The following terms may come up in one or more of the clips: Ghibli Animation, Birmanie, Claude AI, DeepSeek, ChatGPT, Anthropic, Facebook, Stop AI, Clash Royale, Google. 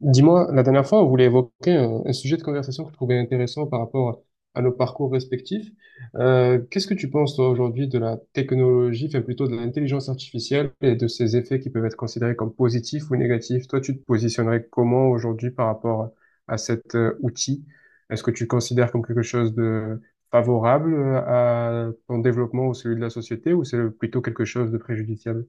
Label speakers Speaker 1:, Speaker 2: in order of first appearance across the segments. Speaker 1: Dis-moi, la dernière fois, on voulait évoquer un sujet de conversation que je trouvais intéressant par rapport à nos parcours respectifs. Qu'est-ce que tu penses, toi, aujourd'hui, de la technologie, enfin plutôt de l'intelligence artificielle et de ses effets qui peuvent être considérés comme positifs ou négatifs? Toi, tu te positionnerais comment aujourd'hui par rapport à cet outil? Est-ce que tu le considères comme quelque chose de favorable à ton développement ou celui de la société, ou c'est plutôt quelque chose de préjudiciable?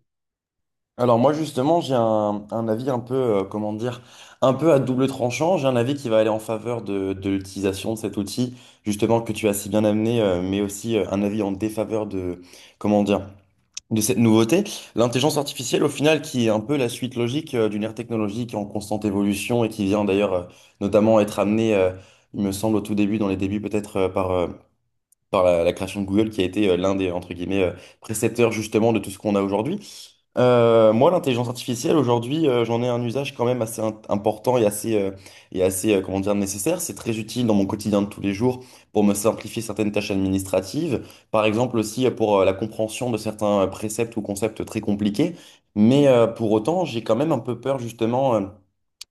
Speaker 2: Alors moi justement j'ai un avis un peu comment dire un peu à double tranchant. J'ai un avis qui va aller en faveur de l'utilisation de cet outil justement que tu as si bien amené, mais aussi un avis en défaveur de comment dire de cette nouveauté. L'intelligence artificielle au final qui est un peu la suite logique d'une ère technologique en constante évolution et qui vient d'ailleurs notamment être amenée il me semble au tout début dans les débuts peut-être par la création de Google qui a été l'un des entre guillemets précepteurs justement de tout ce qu'on a aujourd'hui. L'intelligence artificielle, aujourd'hui, j'en ai un usage quand même assez important et assez comment dire, nécessaire. C'est très utile dans mon quotidien de tous les jours pour me simplifier certaines tâches administratives, par exemple aussi pour la compréhension de certains préceptes ou concepts très compliqués. Mais pour autant, j'ai quand même un peu peur justement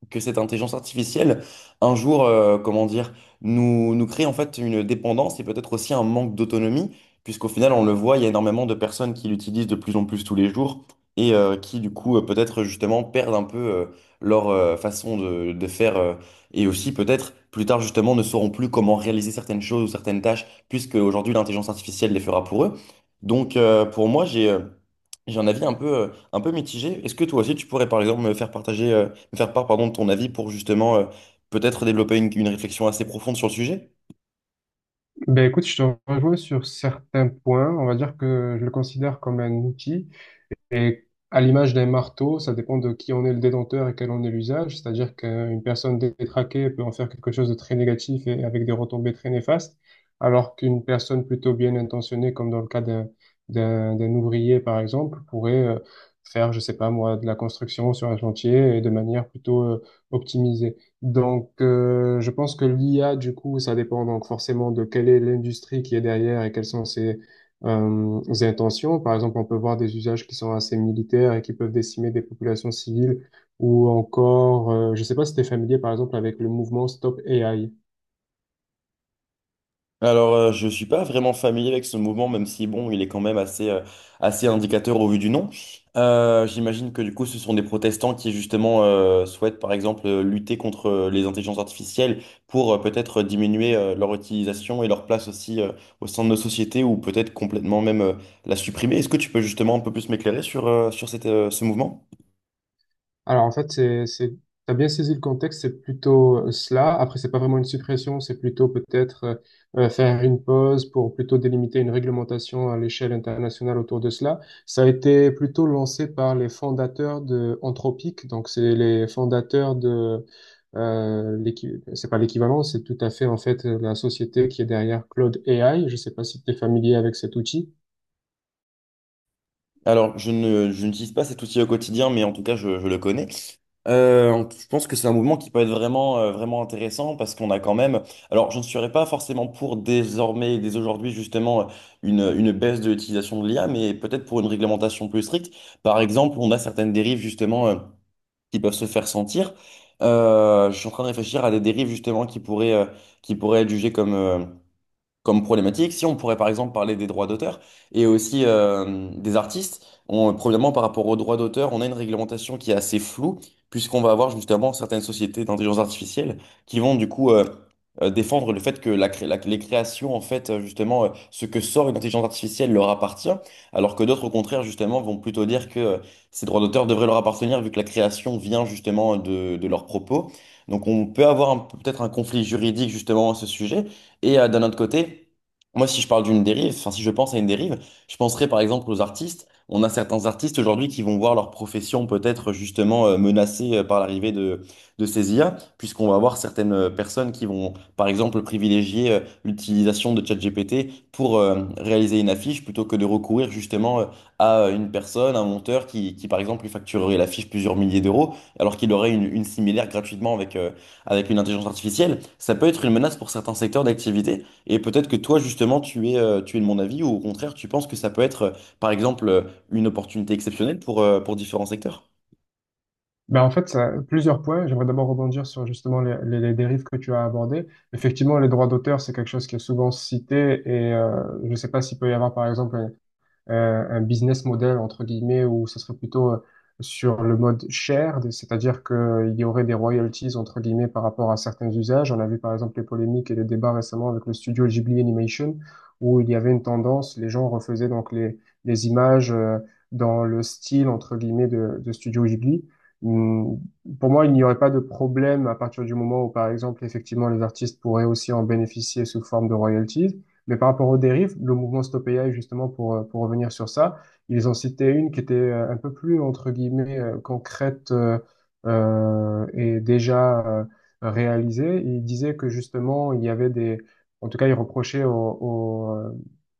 Speaker 2: que cette intelligence artificielle, un jour, comment dire, nous crée en fait une dépendance et peut-être aussi un manque d'autonomie, puisqu'au final, on le voit, il y a énormément de personnes qui l'utilisent de plus en plus tous les jours et qui, du coup, peut-être justement perdent un peu leur façon de faire et aussi peut-être plus tard, justement, ne sauront plus comment réaliser certaines choses ou certaines tâches, puisque aujourd'hui, l'intelligence artificielle les fera pour eux. Donc, pour moi, j'ai un avis un peu mitigé. Est-ce que toi aussi, tu pourrais, par exemple, me faire part, pardon, de ton avis pour justement, peut-être développer une réflexion assez profonde sur le sujet?
Speaker 1: Ben écoute, je te rejoins sur certains points. On va dire que je le considère comme un outil, et à l'image d'un marteau, ça dépend de qui en est le détenteur et quel en est l'usage. C'est-à-dire qu'une personne détraquée peut en faire quelque chose de très négatif et avec des retombées très néfastes, alors qu'une personne plutôt bien intentionnée, comme dans le cas d'un ouvrier, par exemple, pourrait faire, je sais pas moi, de la construction sur un chantier et de manière plutôt optimisée. Donc, je pense que l'IA, du coup, ça dépend donc forcément de quelle est l'industrie qui est derrière et quelles sont ses intentions. Par exemple, on peut voir des usages qui sont assez militaires et qui peuvent décimer des populations civiles ou encore, je sais pas si tu es familier par exemple avec le mouvement Stop AI.
Speaker 2: Alors, je suis pas vraiment familier avec ce mouvement, même si, bon, il est quand même assez assez indicateur au vu du nom. J'imagine que, du coup, ce sont des protestants qui, justement, souhaitent, par exemple, lutter contre les intelligences artificielles pour peut-être diminuer leur utilisation et leur place aussi au sein de nos sociétés ou peut-être complètement même la supprimer. Est-ce que tu peux, justement, un peu plus m'éclairer sur, sur cette, ce mouvement?
Speaker 1: Alors en fait, t'as bien saisi le contexte, c'est plutôt cela. Après, c'est pas vraiment une suppression, c'est plutôt peut-être faire une pause pour plutôt délimiter une réglementation à l'échelle internationale autour de cela. Ça a été plutôt lancé par les fondateurs de Anthropic, donc c'est les fondateurs de c'est pas l'équivalent, c'est tout à fait en fait la société qui est derrière Claude AI. Je sais pas si tu es familier avec cet outil.
Speaker 2: Alors, je n'utilise pas cet outil au quotidien, mais en tout cas, je le connais. Je pense que c'est un mouvement qui peut être vraiment, vraiment intéressant parce qu'on a quand même, alors je ne serais pas forcément pour désormais, dès aujourd'hui justement, une baisse de l'utilisation de l'IA, mais peut-être pour une réglementation plus stricte. Par exemple, on a certaines dérives justement qui peuvent se faire sentir. Je suis en train de réfléchir à des dérives justement qui qui pourraient être jugées comme problématique. Si on pourrait par exemple parler des droits d'auteur et aussi des artistes, on, premièrement par rapport aux droits d'auteur, on a une réglementation qui est assez floue puisqu'on va avoir justement certaines sociétés d'intelligence artificielle qui vont du coup défendre le fait que les créations, en fait, justement, ce que sort une intelligence artificielle leur appartient, alors que d'autres, au contraire, justement, vont plutôt dire que ces droits d'auteur devraient leur appartenir vu que la création vient justement de leurs propos. Donc on peut avoir peut-être un conflit juridique justement à ce sujet. Et d'un autre côté, moi, si je parle d'une dérive, enfin, si je pense à une dérive, je penserais par exemple aux artistes. On a certains artistes aujourd'hui qui vont voir leur profession peut-être justement menacée par l'arrivée de ces IA, puisqu'on va avoir certaines personnes qui vont par exemple privilégier l'utilisation de ChatGPT pour réaliser une affiche plutôt que de recourir justement à une personne, un monteur qui par exemple lui facturerait l'affiche plusieurs milliers d'euros alors qu'il aurait une similaire gratuitement avec une intelligence artificielle. Ça peut être une menace pour certains secteurs d'activité. Et peut-être que toi, justement, tu es de mon avis, ou au contraire, tu penses que ça peut être, par exemple une opportunité exceptionnelle pour différents secteurs.
Speaker 1: Ben en fait, ça- plusieurs points. J'aimerais d'abord rebondir sur justement les dérives que tu as abordées. Effectivement, les droits d'auteur, c'est quelque chose qui est souvent cité et je ne sais pas s'il peut y avoir, par exemple, un business model, entre guillemets, où ce serait plutôt sur le mode shared, c'est-à-dire qu'il y aurait des royalties, entre guillemets, par rapport à certains usages. On a vu par exemple les polémiques et les débats récemment avec le studio Ghibli Animation, où il y avait une tendance, les gens refaisaient donc les images dans le style, entre guillemets, de studio Ghibli. Hmm. Pour moi, il n'y aurait pas de problème à partir du moment où, par exemple, effectivement, les artistes pourraient aussi en bénéficier sous forme de royalties. Mais par rapport aux dérives, le mouvement Stop AI, justement, pour revenir sur ça, ils ont cité une qui était un peu plus, entre guillemets, concrète et déjà réalisée. Ils disaient que, justement, il y avait des… En tout cas, ils reprochaient aux, euh,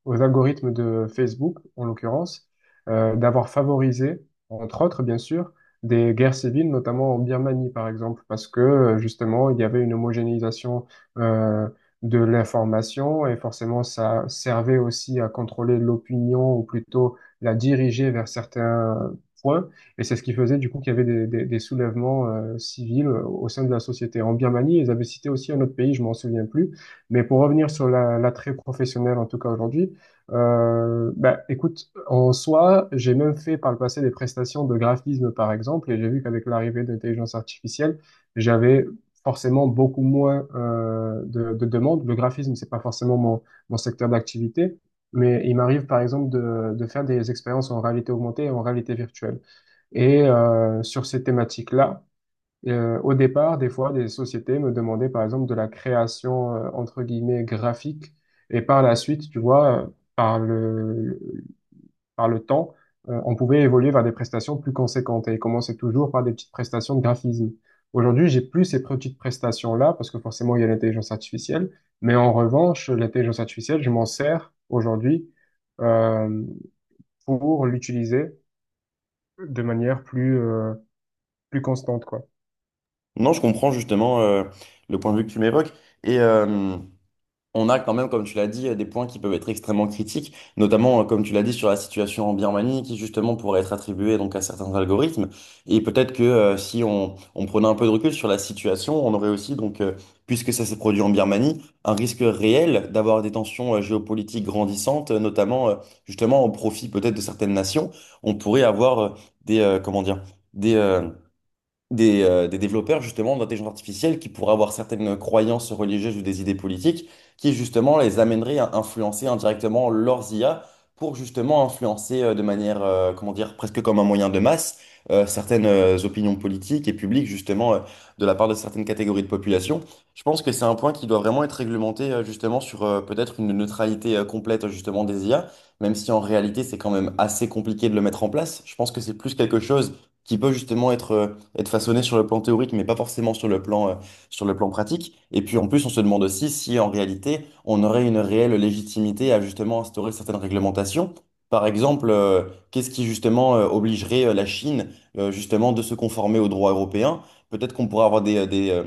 Speaker 1: aux algorithmes de Facebook, en l'occurrence, d'avoir favorisé, entre autres, bien sûr, des guerres civiles, notamment en Birmanie, par exemple, parce que, justement, il y avait une homogénéisation euh, de l'information et forcément ça servait aussi à contrôler l'opinion ou plutôt la diriger vers certains points. Et c'est ce qui faisait du coup qu'il y avait des soulèvements civils au sein de la société. En Birmanie, ils avaient cité aussi un autre pays, je m'en souviens plus. Mais pour revenir sur la- l'attrait professionnel, en tout cas aujourd'hui, bah, écoute, en soi, j'ai même fait par le passé des prestations de graphisme, par exemple, et j'ai vu qu'avec l'arrivée de l'intelligence artificielle, j'avais forcément beaucoup moins de demandes. Le graphisme, c'est pas forcément mon secteur d'activité, mais il m'arrive par exemple de faire des expériences en réalité augmentée et en réalité virtuelle. Et sur ces thématiques-là, au départ, des fois, des sociétés me demandaient par exemple de la création entre guillemets graphique, et par la suite, tu vois, par le par le temps, on pouvait évoluer vers des prestations plus conséquentes et commencer toujours par des petites prestations de graphisme. Aujourd'hui, j'ai plus ces petites prestations-là parce que forcément, il y a l'intelligence artificielle. Mais en revanche, l'intelligence artificielle, je m'en sers aujourd'hui euh, pour l'utiliser de manière plus constante, quoi.
Speaker 2: Non, je comprends justement le point de vue que tu m'évoques. Et, on a quand même, comme tu l'as dit, des points qui peuvent être extrêmement critiques, notamment, comme tu l'as dit, sur la situation en Birmanie, qui justement pourrait être attribuée donc à certains algorithmes. Et peut-être que si on prenait un peu de recul sur la situation, on aurait aussi, donc, puisque ça s'est produit en Birmanie, un risque réel d'avoir des tensions géopolitiques grandissantes, notamment justement au profit peut-être de certaines nations. On pourrait avoir comment dire, des, euh, des développeurs justement d'intelligence artificielle qui pourraient avoir certaines croyances religieuses ou des idées politiques qui justement les amèneraient à influencer indirectement leurs IA pour justement influencer de manière, comment dire, presque comme un moyen de masse certaines opinions politiques et publiques justement de la part de certaines catégories de population. Je pense que c'est un point qui doit vraiment être réglementé justement sur peut-être une neutralité complète justement des IA, même si en réalité c'est quand même assez compliqué de le mettre en place. Je pense que c'est plus quelque chose qui peut justement être façonné sur le plan théorique, mais pas forcément sur le plan pratique. Et puis en plus, on se demande aussi si en réalité, on aurait une réelle légitimité à justement instaurer certaines réglementations. Par exemple, qu'est-ce qui justement obligerait la Chine justement de se conformer au droit européen? Peut-être qu'on pourrait avoir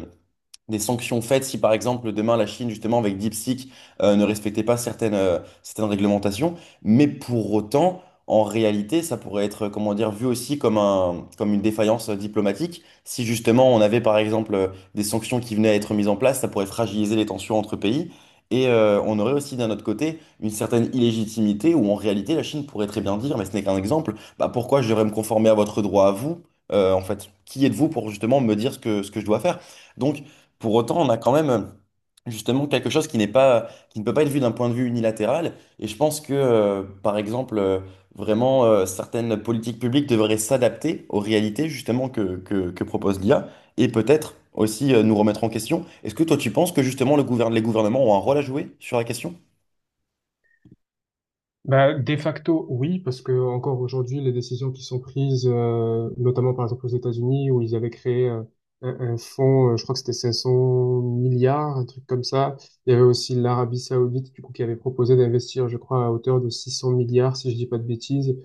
Speaker 2: des sanctions faites si par exemple demain la Chine justement avec DeepSeek ne respectait pas certaines réglementations. Mais pour autant, en réalité, ça pourrait être comment dire vu aussi comme comme une défaillance diplomatique. Si justement on avait par exemple des sanctions qui venaient à être mises en place, ça pourrait fragiliser les tensions entre pays. Et on aurait aussi d'un autre côté une certaine illégitimité où en réalité la Chine pourrait très bien dire, mais ce n'est qu'un exemple, bah pourquoi je devrais me conformer à votre droit à vous? En fait, qui êtes-vous pour justement me dire ce ce que je dois faire? Donc, pour autant, on a quand même justement quelque chose qui ne peut pas être vu d'un point de vue unilatéral. Et je pense que, par exemple, certaines politiques publiques devraient s'adapter aux réalités justement que propose l'IA et peut-être aussi nous remettre en question. Est-ce que toi, tu penses que justement les gouvernements ont un rôle à jouer sur la question?
Speaker 1: Bah, de facto, oui, parce que encore aujourd'hui, les décisions qui sont prises, notamment par exemple aux États-Unis, où ils avaient créé un fonds, je crois que c'était 500 milliards, un truc comme ça. Il y avait aussi l'Arabie Saoudite, du coup, qui avait proposé d'investir, je crois, à hauteur de 600 milliards, si je dis pas de bêtises.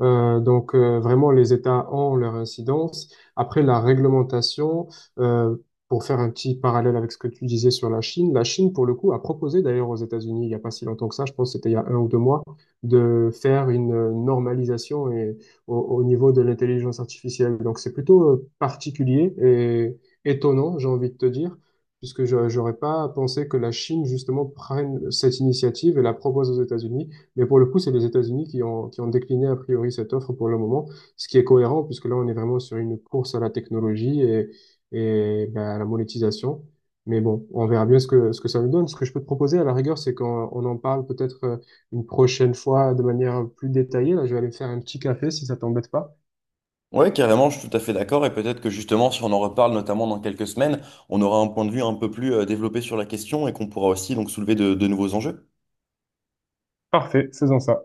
Speaker 1: Vraiment, les États ont leur incidence. Après, la réglementation, euh, pour faire un petit parallèle avec ce que tu disais sur la Chine, pour le coup, a proposé d'ailleurs aux États-Unis, il n'y a pas si longtemps que ça, je pense que c'était il y a un ou deux mois, de faire une normalisation et, au niveau de l'intelligence artificielle. Donc c'est plutôt particulier et étonnant, j'ai envie de te dire, puisque je n'aurais pas pensé que la Chine, justement, prenne cette initiative et la propose aux États-Unis. Mais pour le coup, c'est les États-Unis qui ont décliné a priori cette offre pour le moment, ce qui est cohérent puisque là, on est vraiment sur une course à la technologie et ben, à la monétisation. Mais bon, on verra bien ce que ça nous donne. Ce que je peux te proposer à la rigueur, c'est qu'on on en parle peut-être une prochaine fois de manière plus détaillée. Là, je vais aller me faire un petit café si ça t'embête pas.
Speaker 2: Oui, carrément, je suis tout à fait d'accord. Et peut-être que justement, si on en reparle, notamment dans quelques semaines, on aura un point de vue un peu plus développé sur la question et qu'on pourra aussi donc soulever de nouveaux enjeux.
Speaker 1: Parfait, faisons ça.